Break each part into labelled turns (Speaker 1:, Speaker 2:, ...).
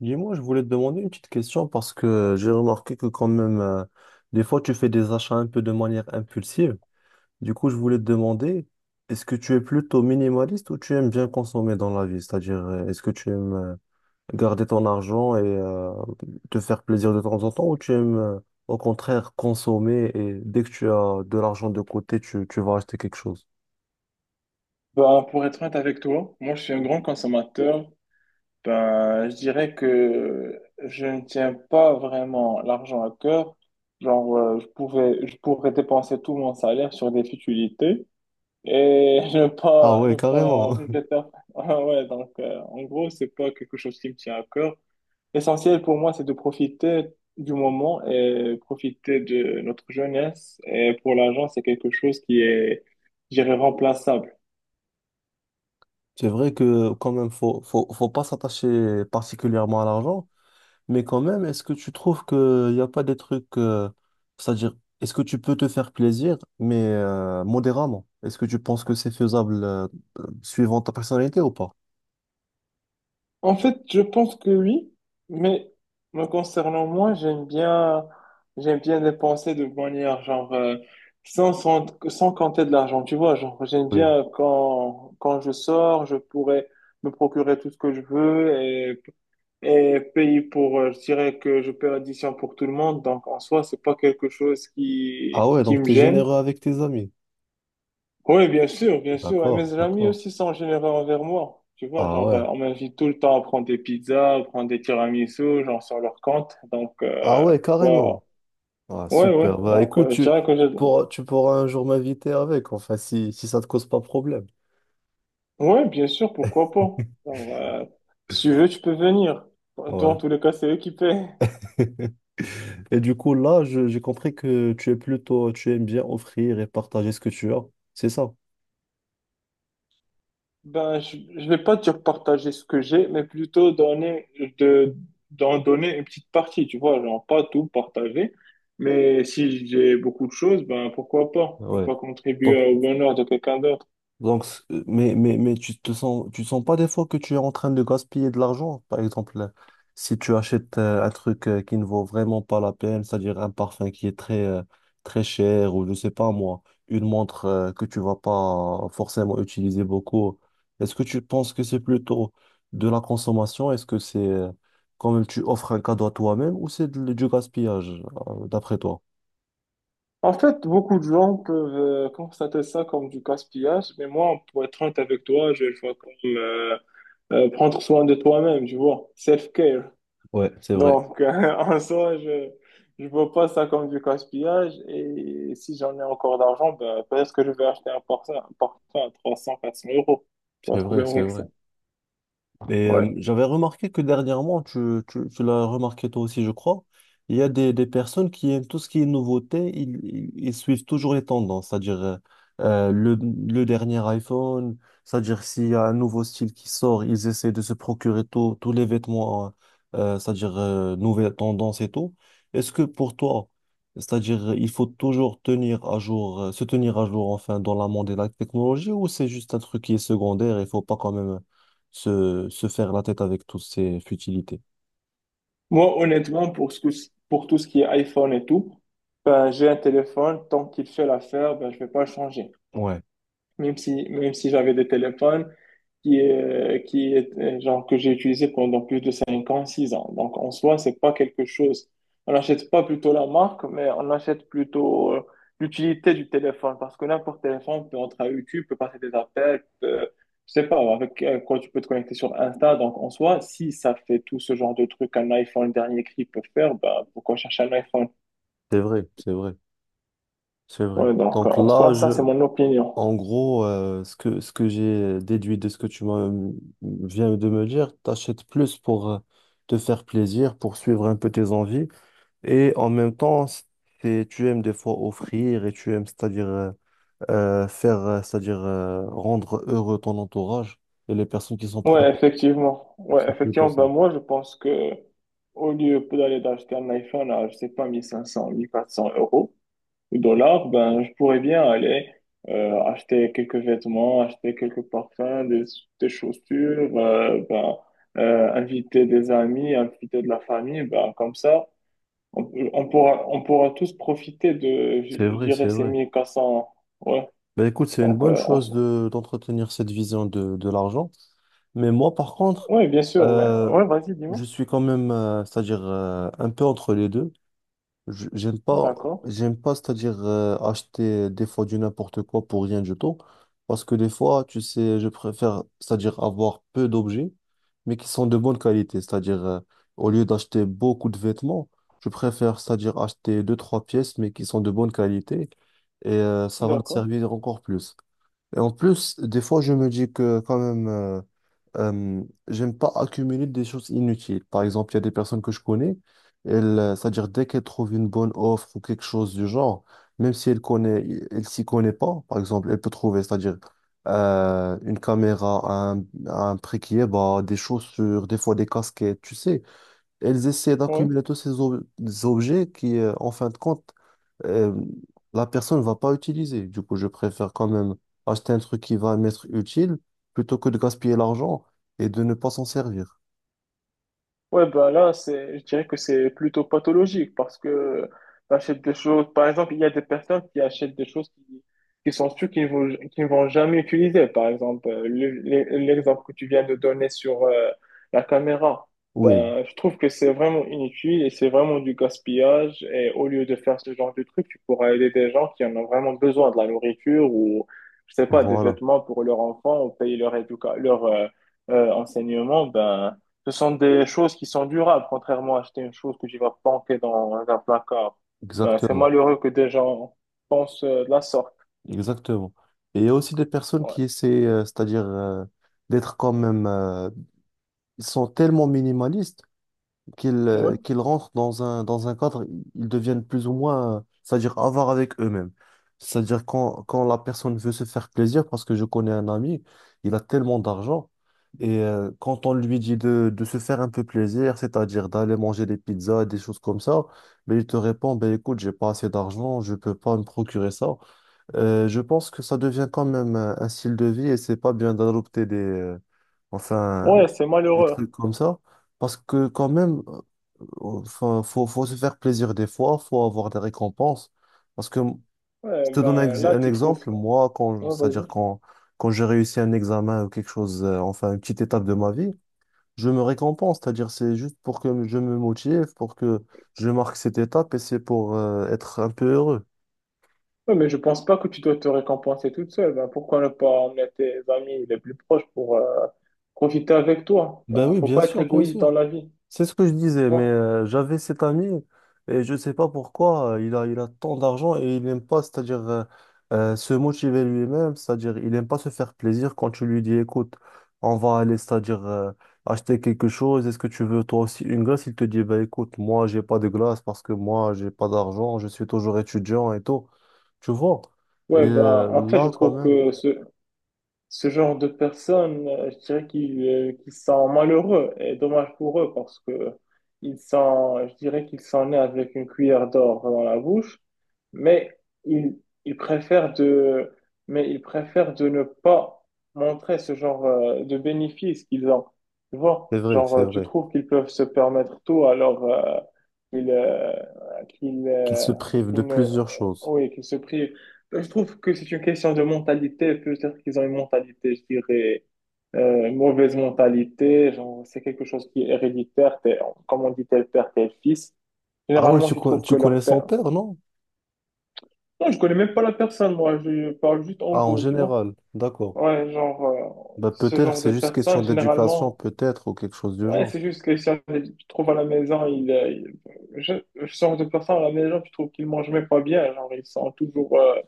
Speaker 1: Dis-moi, je voulais te demander une petite question parce que j'ai remarqué que quand même, des fois, tu fais des achats un peu de manière impulsive. Du coup, je voulais te demander, est-ce que tu es plutôt minimaliste ou tu aimes bien consommer dans la vie? C'est-à-dire, est-ce que tu aimes garder ton argent et te faire plaisir de temps en temps ou tu aimes au contraire consommer et dès que tu as de l'argent de côté, tu vas acheter quelque chose?
Speaker 2: Ben, pour être honnête avec toi, moi je suis un grand consommateur. Ben, je dirais que je ne tiens pas vraiment l'argent à cœur. Je je pourrais dépenser tout mon salaire sur des futilités et
Speaker 1: Ah ouais,
Speaker 2: ne pas
Speaker 1: carrément.
Speaker 2: regretter. Ah ouais, en gros, c'est pas quelque chose qui me tient à cœur. L'essentiel pour moi, c'est de profiter du moment et profiter de notre jeunesse. Et pour l'argent, c'est quelque chose qui est, je dirais, remplaçable.
Speaker 1: C'est vrai que quand même, faut pas s'attacher particulièrement à l'argent. Mais quand même, est-ce que tu trouves qu'il n'y a pas des trucs, c'est-à-dire, est-ce que tu peux te faire plaisir, mais modérément? Est-ce que tu penses que c'est faisable suivant ta personnalité ou pas?
Speaker 2: En fait, je pense que oui, mais me concernant moi, j'aime bien dépenser de manière sans compter de l'argent, tu vois, genre j'aime
Speaker 1: Oui.
Speaker 2: bien quand je sors, je pourrais me procurer tout ce que je veux et payer je dirais que je paie l'addition pour tout le monde, donc en soi, c'est pas quelque chose
Speaker 1: Ah
Speaker 2: qui
Speaker 1: ouais, donc
Speaker 2: me
Speaker 1: t'es
Speaker 2: gêne.
Speaker 1: généreux avec tes amis.
Speaker 2: Oui, bien sûr, bien sûr. Et
Speaker 1: D'accord,
Speaker 2: mes amis
Speaker 1: d'accord.
Speaker 2: aussi sont généreux envers moi. Tu vois,
Speaker 1: Ah ouais.
Speaker 2: on m'invite tout le temps à prendre des pizzas, à prendre des tiramisu, genre, sur leur compte.
Speaker 1: Ah ouais, carrément.
Speaker 2: Pourquoi...
Speaker 1: Ah
Speaker 2: Ouais, ouais.
Speaker 1: super. Bah écoute,
Speaker 2: Je dirais que je...
Speaker 1: tu pourras un jour m'inviter avec, enfin, si ça te cause pas problème.
Speaker 2: Ouais, bien sûr, pourquoi pas. Genre, euh, si tu veux, tu peux venir. Dans
Speaker 1: Ouais.
Speaker 2: tous les cas, c'est eux qui paient.
Speaker 1: Et du coup, là, j'ai compris que tu es plutôt, tu aimes bien offrir et partager ce que tu as. C'est ça.
Speaker 2: Ben, je ne vais pas dire partager ce que j'ai, mais plutôt de, d'en donner une petite partie, tu vois, genre pas tout partager, mais si j'ai beaucoup de choses, ben pourquoi pas, ne
Speaker 1: Ouais.
Speaker 2: pas contribuer
Speaker 1: Donc,
Speaker 2: au bonheur de quelqu'un d'autre.
Speaker 1: mais tu te sens, tu sens pas des fois que tu es en train de gaspiller de l'argent? Par exemple, si tu achètes un truc qui ne vaut vraiment pas la peine, c'est-à-dire un parfum qui est très, très cher, ou je sais pas moi, une montre que tu vas pas forcément utiliser beaucoup, est-ce que tu penses que c'est plutôt de la consommation? Est-ce que c'est quand même tu offres un cadeau à toi-même ou c'est du gaspillage, d'après toi?
Speaker 2: En fait, beaucoup de gens peuvent constater ça comme du gaspillage, mais moi, pour être honnête avec toi, je le vois comme prendre soin de toi-même, tu vois, self-care.
Speaker 1: Ouais, c'est vrai.
Speaker 2: Donc, en soi, je ne vois pas ça comme du gaspillage. Et si j'en ai encore d'argent, ben, peut-être que je vais acheter un parfum à trois cents quatre cents euros. Pas
Speaker 1: C'est
Speaker 2: de
Speaker 1: vrai,
Speaker 2: problème
Speaker 1: c'est
Speaker 2: avec ça.
Speaker 1: vrai. Et
Speaker 2: Ouais.
Speaker 1: j'avais remarqué que dernièrement, tu l'as remarqué toi aussi, je crois, il y a des personnes qui aiment tout ce qui est nouveauté, ils suivent toujours les tendances, c'est-à-dire le dernier iPhone, c'est-à-dire s'il y a un nouveau style qui sort, ils essaient de se procurer tous les vêtements, c'est-à-dire nouvelles tendances et tout. Est-ce que pour toi, c'est-à-dire il faut toujours tenir à jour, se tenir à jour enfin dans la monde de la technologie ou c'est juste un truc qui est secondaire, et il faut pas quand même se faire la tête avec toutes ces futilités.
Speaker 2: Moi, honnêtement, pour tout ce qui est iPhone et tout, ben, j'ai un téléphone. Tant qu'il fait l'affaire, ben, je vais pas le changer.
Speaker 1: Ouais,
Speaker 2: Même si j'avais des téléphones que j'ai utilisé pendant plus de 5 ans, 6 ans. Donc, en soi, c'est pas quelque chose. On n'achète pas plutôt la marque, mais on achète plutôt l'utilité du téléphone. Parce que n'importe quel téléphone peut entrer à YouTube, peut passer des appels, je sais pas, avec quoi tu peux te connecter sur Insta. Donc, en soi, si ça fait tout ce genre de trucs qu'un iPhone dernier cri peut faire, bah, pourquoi chercher un iPhone?
Speaker 1: c'est vrai, c'est vrai, c'est vrai. Donc
Speaker 2: En soi,
Speaker 1: là,
Speaker 2: ça, c'est mon opinion.
Speaker 1: en gros, ce que j'ai déduit de ce que tu m'as, viens de me dire, t'achètes plus pour te faire plaisir, pour suivre un peu tes envies, et en même temps, c'est, tu aimes des fois offrir et tu aimes, c'est-à-dire faire, c'est-à-dire rendre heureux ton entourage et les personnes qui sont proches.
Speaker 2: Ouais, effectivement.
Speaker 1: Donc,
Speaker 2: Ouais,
Speaker 1: c'est plutôt
Speaker 2: effectivement. Ben,
Speaker 1: ça.
Speaker 2: moi, je pense que au lieu d'acheter un iPhone à, je sais pas, mille cinq cents, mille quatre cents euros ou dollars, ben, je pourrais bien aller acheter quelques vêtements, acheter quelques parfums, des chaussures, ben, inviter des amis, inviter de la famille, ben, comme ça. On pourra tous profiter
Speaker 1: C'est
Speaker 2: je
Speaker 1: vrai, c'est
Speaker 2: dirais, ces
Speaker 1: vrai.
Speaker 2: 1400 Ouais,
Speaker 1: Ben écoute, c'est une bonne
Speaker 2: on
Speaker 1: chose de, d'entretenir cette vision de l'argent. Mais moi, par contre,
Speaker 2: bien sûr, mais
Speaker 1: euh,
Speaker 2: ouais, vas-y, dis-moi.
Speaker 1: je suis quand même, c'est-à-dire un peu entre les deux. J'aime
Speaker 2: D'accord,
Speaker 1: pas, c'est-à-dire acheter des fois du n'importe quoi pour rien du tout. Parce que des fois, tu sais, je préfère, c'est-à-dire avoir peu d'objets, mais qui sont de bonne qualité. C'est-à-dire, au lieu d'acheter beaucoup de vêtements, je préfère, c'est-à-dire acheter deux, trois pièces, mais qui sont de bonne qualité. Et ça va me
Speaker 2: d'accord.
Speaker 1: servir encore plus. Et en plus, des fois, je me dis que quand même, euh, j'aime pas accumuler des choses inutiles. Par exemple, il y a des personnes que je connais, elles, c'est-à-dire dès qu'elles trouvent une bonne offre ou quelque chose du genre, même si elle connaît, elle s'y connaît pas, par exemple, elle peut trouver, c'est-à-dire une caméra à un prix qui est bas, des chaussures, des fois des casquettes, tu sais elles essaient
Speaker 2: Ouais.
Speaker 1: d'accumuler tous ces objets qui, en fin de compte, euh, la personne ne va pas utiliser. Du coup, je préfère quand même acheter un truc qui va m'être utile plutôt que de gaspiller l'argent et de ne pas s'en servir.
Speaker 2: Ouais, bah là, je dirais que c'est plutôt pathologique parce que t'achètes des choses. Par exemple, il y a des personnes qui achètent des choses qui sont sûres qu'ils ne vont jamais utiliser. Par exemple, l'exemple que tu viens de donner sur la caméra.
Speaker 1: Oui,
Speaker 2: Ben, je trouve que c'est vraiment inutile et c'est vraiment du gaspillage. Et au lieu de faire ce genre de truc, tu pourras aider des gens qui en ont vraiment besoin, de la nourriture ou, je sais pas, des
Speaker 1: voilà,
Speaker 2: vêtements pour leurs enfants ou payer leur éducation, leur enseignement. Ben, ce sont des choses qui sont durables, contrairement à acheter une chose que tu vas planquer dans un placard. C'est
Speaker 1: exactement,
Speaker 2: malheureux que des gens pensent de la sorte.
Speaker 1: exactement. Et il y a aussi des personnes
Speaker 2: Ouais,
Speaker 1: qui essaient, c'est-à-dire d'être quand même, ils sont tellement minimalistes
Speaker 2: ouais,
Speaker 1: qu'ils rentrent dans dans un cadre, ils deviennent plus ou moins, c'est-à-dire avares avec eux-mêmes. C'est-à-dire quand la personne veut se faire plaisir, parce que je connais un ami, il a tellement d'argent, et quand on lui dit de se faire un peu plaisir, c'est-à-dire d'aller manger des pizzas, des choses comme ça, mais il te répond, ben écoute, j'ai pas assez d'argent, je peux pas me procurer ça. Je pense que ça devient quand même un style de vie et c'est pas bien d'adopter des... Enfin,
Speaker 2: ouais, c'est
Speaker 1: des
Speaker 2: malheureux.
Speaker 1: trucs comme ça. Parce que quand même, enfin, faut se faire plaisir des fois, faut avoir des récompenses. Parce que je
Speaker 2: Ouais,
Speaker 1: te donne un,
Speaker 2: ben là,
Speaker 1: un
Speaker 2: tu trouves.
Speaker 1: exemple, moi,
Speaker 2: Ouais, vas-y.
Speaker 1: quand j'ai réussi un examen ou quelque chose, enfin une petite étape de ma vie, je me récompense. C'est-à-dire c'est juste pour que je me motive, pour que je marque cette étape et c'est pour être un peu heureux.
Speaker 2: Ouais, mais je pense pas que tu dois te récompenser toute seule. Ben, pourquoi ne pas emmener tes amis les plus proches pour profiter avec toi?
Speaker 1: Ben
Speaker 2: Ben,
Speaker 1: oui,
Speaker 2: faut
Speaker 1: bien
Speaker 2: pas être
Speaker 1: sûr, bien
Speaker 2: égoïste dans
Speaker 1: sûr.
Speaker 2: la vie. Tu
Speaker 1: C'est ce que je disais, mais
Speaker 2: vois.
Speaker 1: j'avais cet ami et je ne sais pas pourquoi il a tant d'argent et il n'aime pas, c'est-à-dire se motiver lui-même, c'est-à-dire il n'aime pas se faire plaisir quand tu lui dis, écoute, on va aller, c'est-à-dire acheter quelque chose, est-ce que tu veux toi aussi une glace? Il te dit, bah écoute, moi j'ai pas de glace parce que moi j'ai pas d'argent, je suis toujours étudiant et tout, tu vois. Et
Speaker 2: Ouais, ben en fait, je
Speaker 1: là quand
Speaker 2: trouve
Speaker 1: même,
Speaker 2: que ce genre de personnes, je dirais qu'ils sont malheureux et dommage pour eux parce que ils sont, je dirais qu'ils sont nés avec une cuillère d'or dans la bouche, mais ils, ils préfèrent mais ils préfèrent de ne pas montrer ce genre de bénéfices qu'ils ont. Tu vois,
Speaker 1: c'est
Speaker 2: tu
Speaker 1: vrai
Speaker 2: trouves qu'ils peuvent se permettre tout alors qu'ils qu'ils
Speaker 1: qu'il se prive de
Speaker 2: qu'ils ne,
Speaker 1: plusieurs choses.
Speaker 2: oui, qu'ils se privent. Bah, je trouve que c'est une question de mentalité. Peut-être qu'ils ont une mentalité, je dirais, mauvaise mentalité. Genre, c'est quelque chose qui est héréditaire. Comme on dit, tel père, tel fils.
Speaker 1: Ah oui,
Speaker 2: Généralement, tu trouves
Speaker 1: tu
Speaker 2: que
Speaker 1: connais
Speaker 2: leur
Speaker 1: son
Speaker 2: père.
Speaker 1: père, non?
Speaker 2: Non, je connais même pas la personne, moi. Je parle juste en
Speaker 1: Ah, en
Speaker 2: gros, tu vois.
Speaker 1: général, d'accord.
Speaker 2: Ouais,
Speaker 1: Bah,
Speaker 2: ce
Speaker 1: peut-être
Speaker 2: genre de
Speaker 1: c'est juste question
Speaker 2: personne,
Speaker 1: d'éducation,
Speaker 2: généralement,
Speaker 1: peut-être, ou quelque chose du
Speaker 2: ouais,
Speaker 1: genre.
Speaker 2: c'est juste que si tu trouves à la maison, je- ce genre de personne à la maison, tu trouves qu'ils mangent même pas bien. Genre, ils sont toujours. Euh,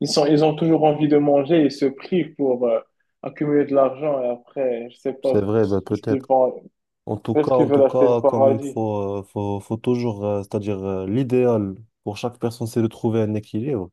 Speaker 2: Ils ont toujours envie de manger, ils se privent pour accumuler de l'argent et après, je sais
Speaker 1: C'est
Speaker 2: pas,
Speaker 1: vrai, bah,
Speaker 2: qu'est-ce qu'ils
Speaker 1: peut-être.
Speaker 2: vont, est-ce qu'ils
Speaker 1: En tout
Speaker 2: veulent acheter le
Speaker 1: cas, quand même,
Speaker 2: paradis?
Speaker 1: faut toujours, c'est-à-dire, l'idéal pour chaque personne, c'est de trouver un équilibre.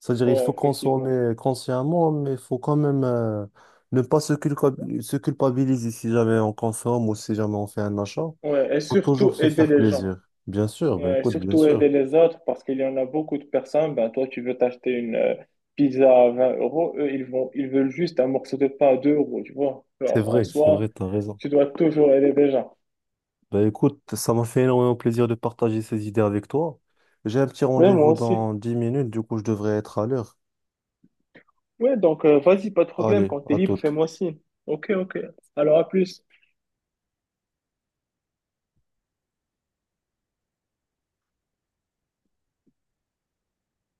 Speaker 1: C'est-à-dire, il
Speaker 2: Ouais,
Speaker 1: faut
Speaker 2: effectivement.
Speaker 1: consommer consciemment, mais il faut quand même, ne pas se se culpabiliser si jamais on consomme ou si jamais on fait un achat.
Speaker 2: Ouais, et
Speaker 1: Faut toujours
Speaker 2: surtout
Speaker 1: se
Speaker 2: aider
Speaker 1: faire
Speaker 2: les gens.
Speaker 1: plaisir. Bien sûr, bah,
Speaker 2: Ouais, et
Speaker 1: écoute, bien
Speaker 2: surtout
Speaker 1: sûr.
Speaker 2: aider les autres parce qu'il y en a beaucoup de personnes. Ben, toi, tu veux t'acheter une pizza à 20 euros, eux, ils veulent juste un morceau de pain à 2 euros, tu vois. Alors, en
Speaker 1: C'est
Speaker 2: soi,
Speaker 1: vrai, t'as raison.
Speaker 2: tu dois toujours aider les gens.
Speaker 1: Bah écoute, ça m'a fait énormément plaisir de partager ces idées avec toi. J'ai un petit
Speaker 2: Ouais, moi
Speaker 1: rendez-vous
Speaker 2: aussi.
Speaker 1: dans 10 minutes, du coup je devrais être à l'heure.
Speaker 2: Ouais, vas-y, pas de problème.
Speaker 1: Allez,
Speaker 2: Quand t'es
Speaker 1: à
Speaker 2: libre,
Speaker 1: toute.
Speaker 2: fais-moi signe. Ok, ok. Alors, à plus.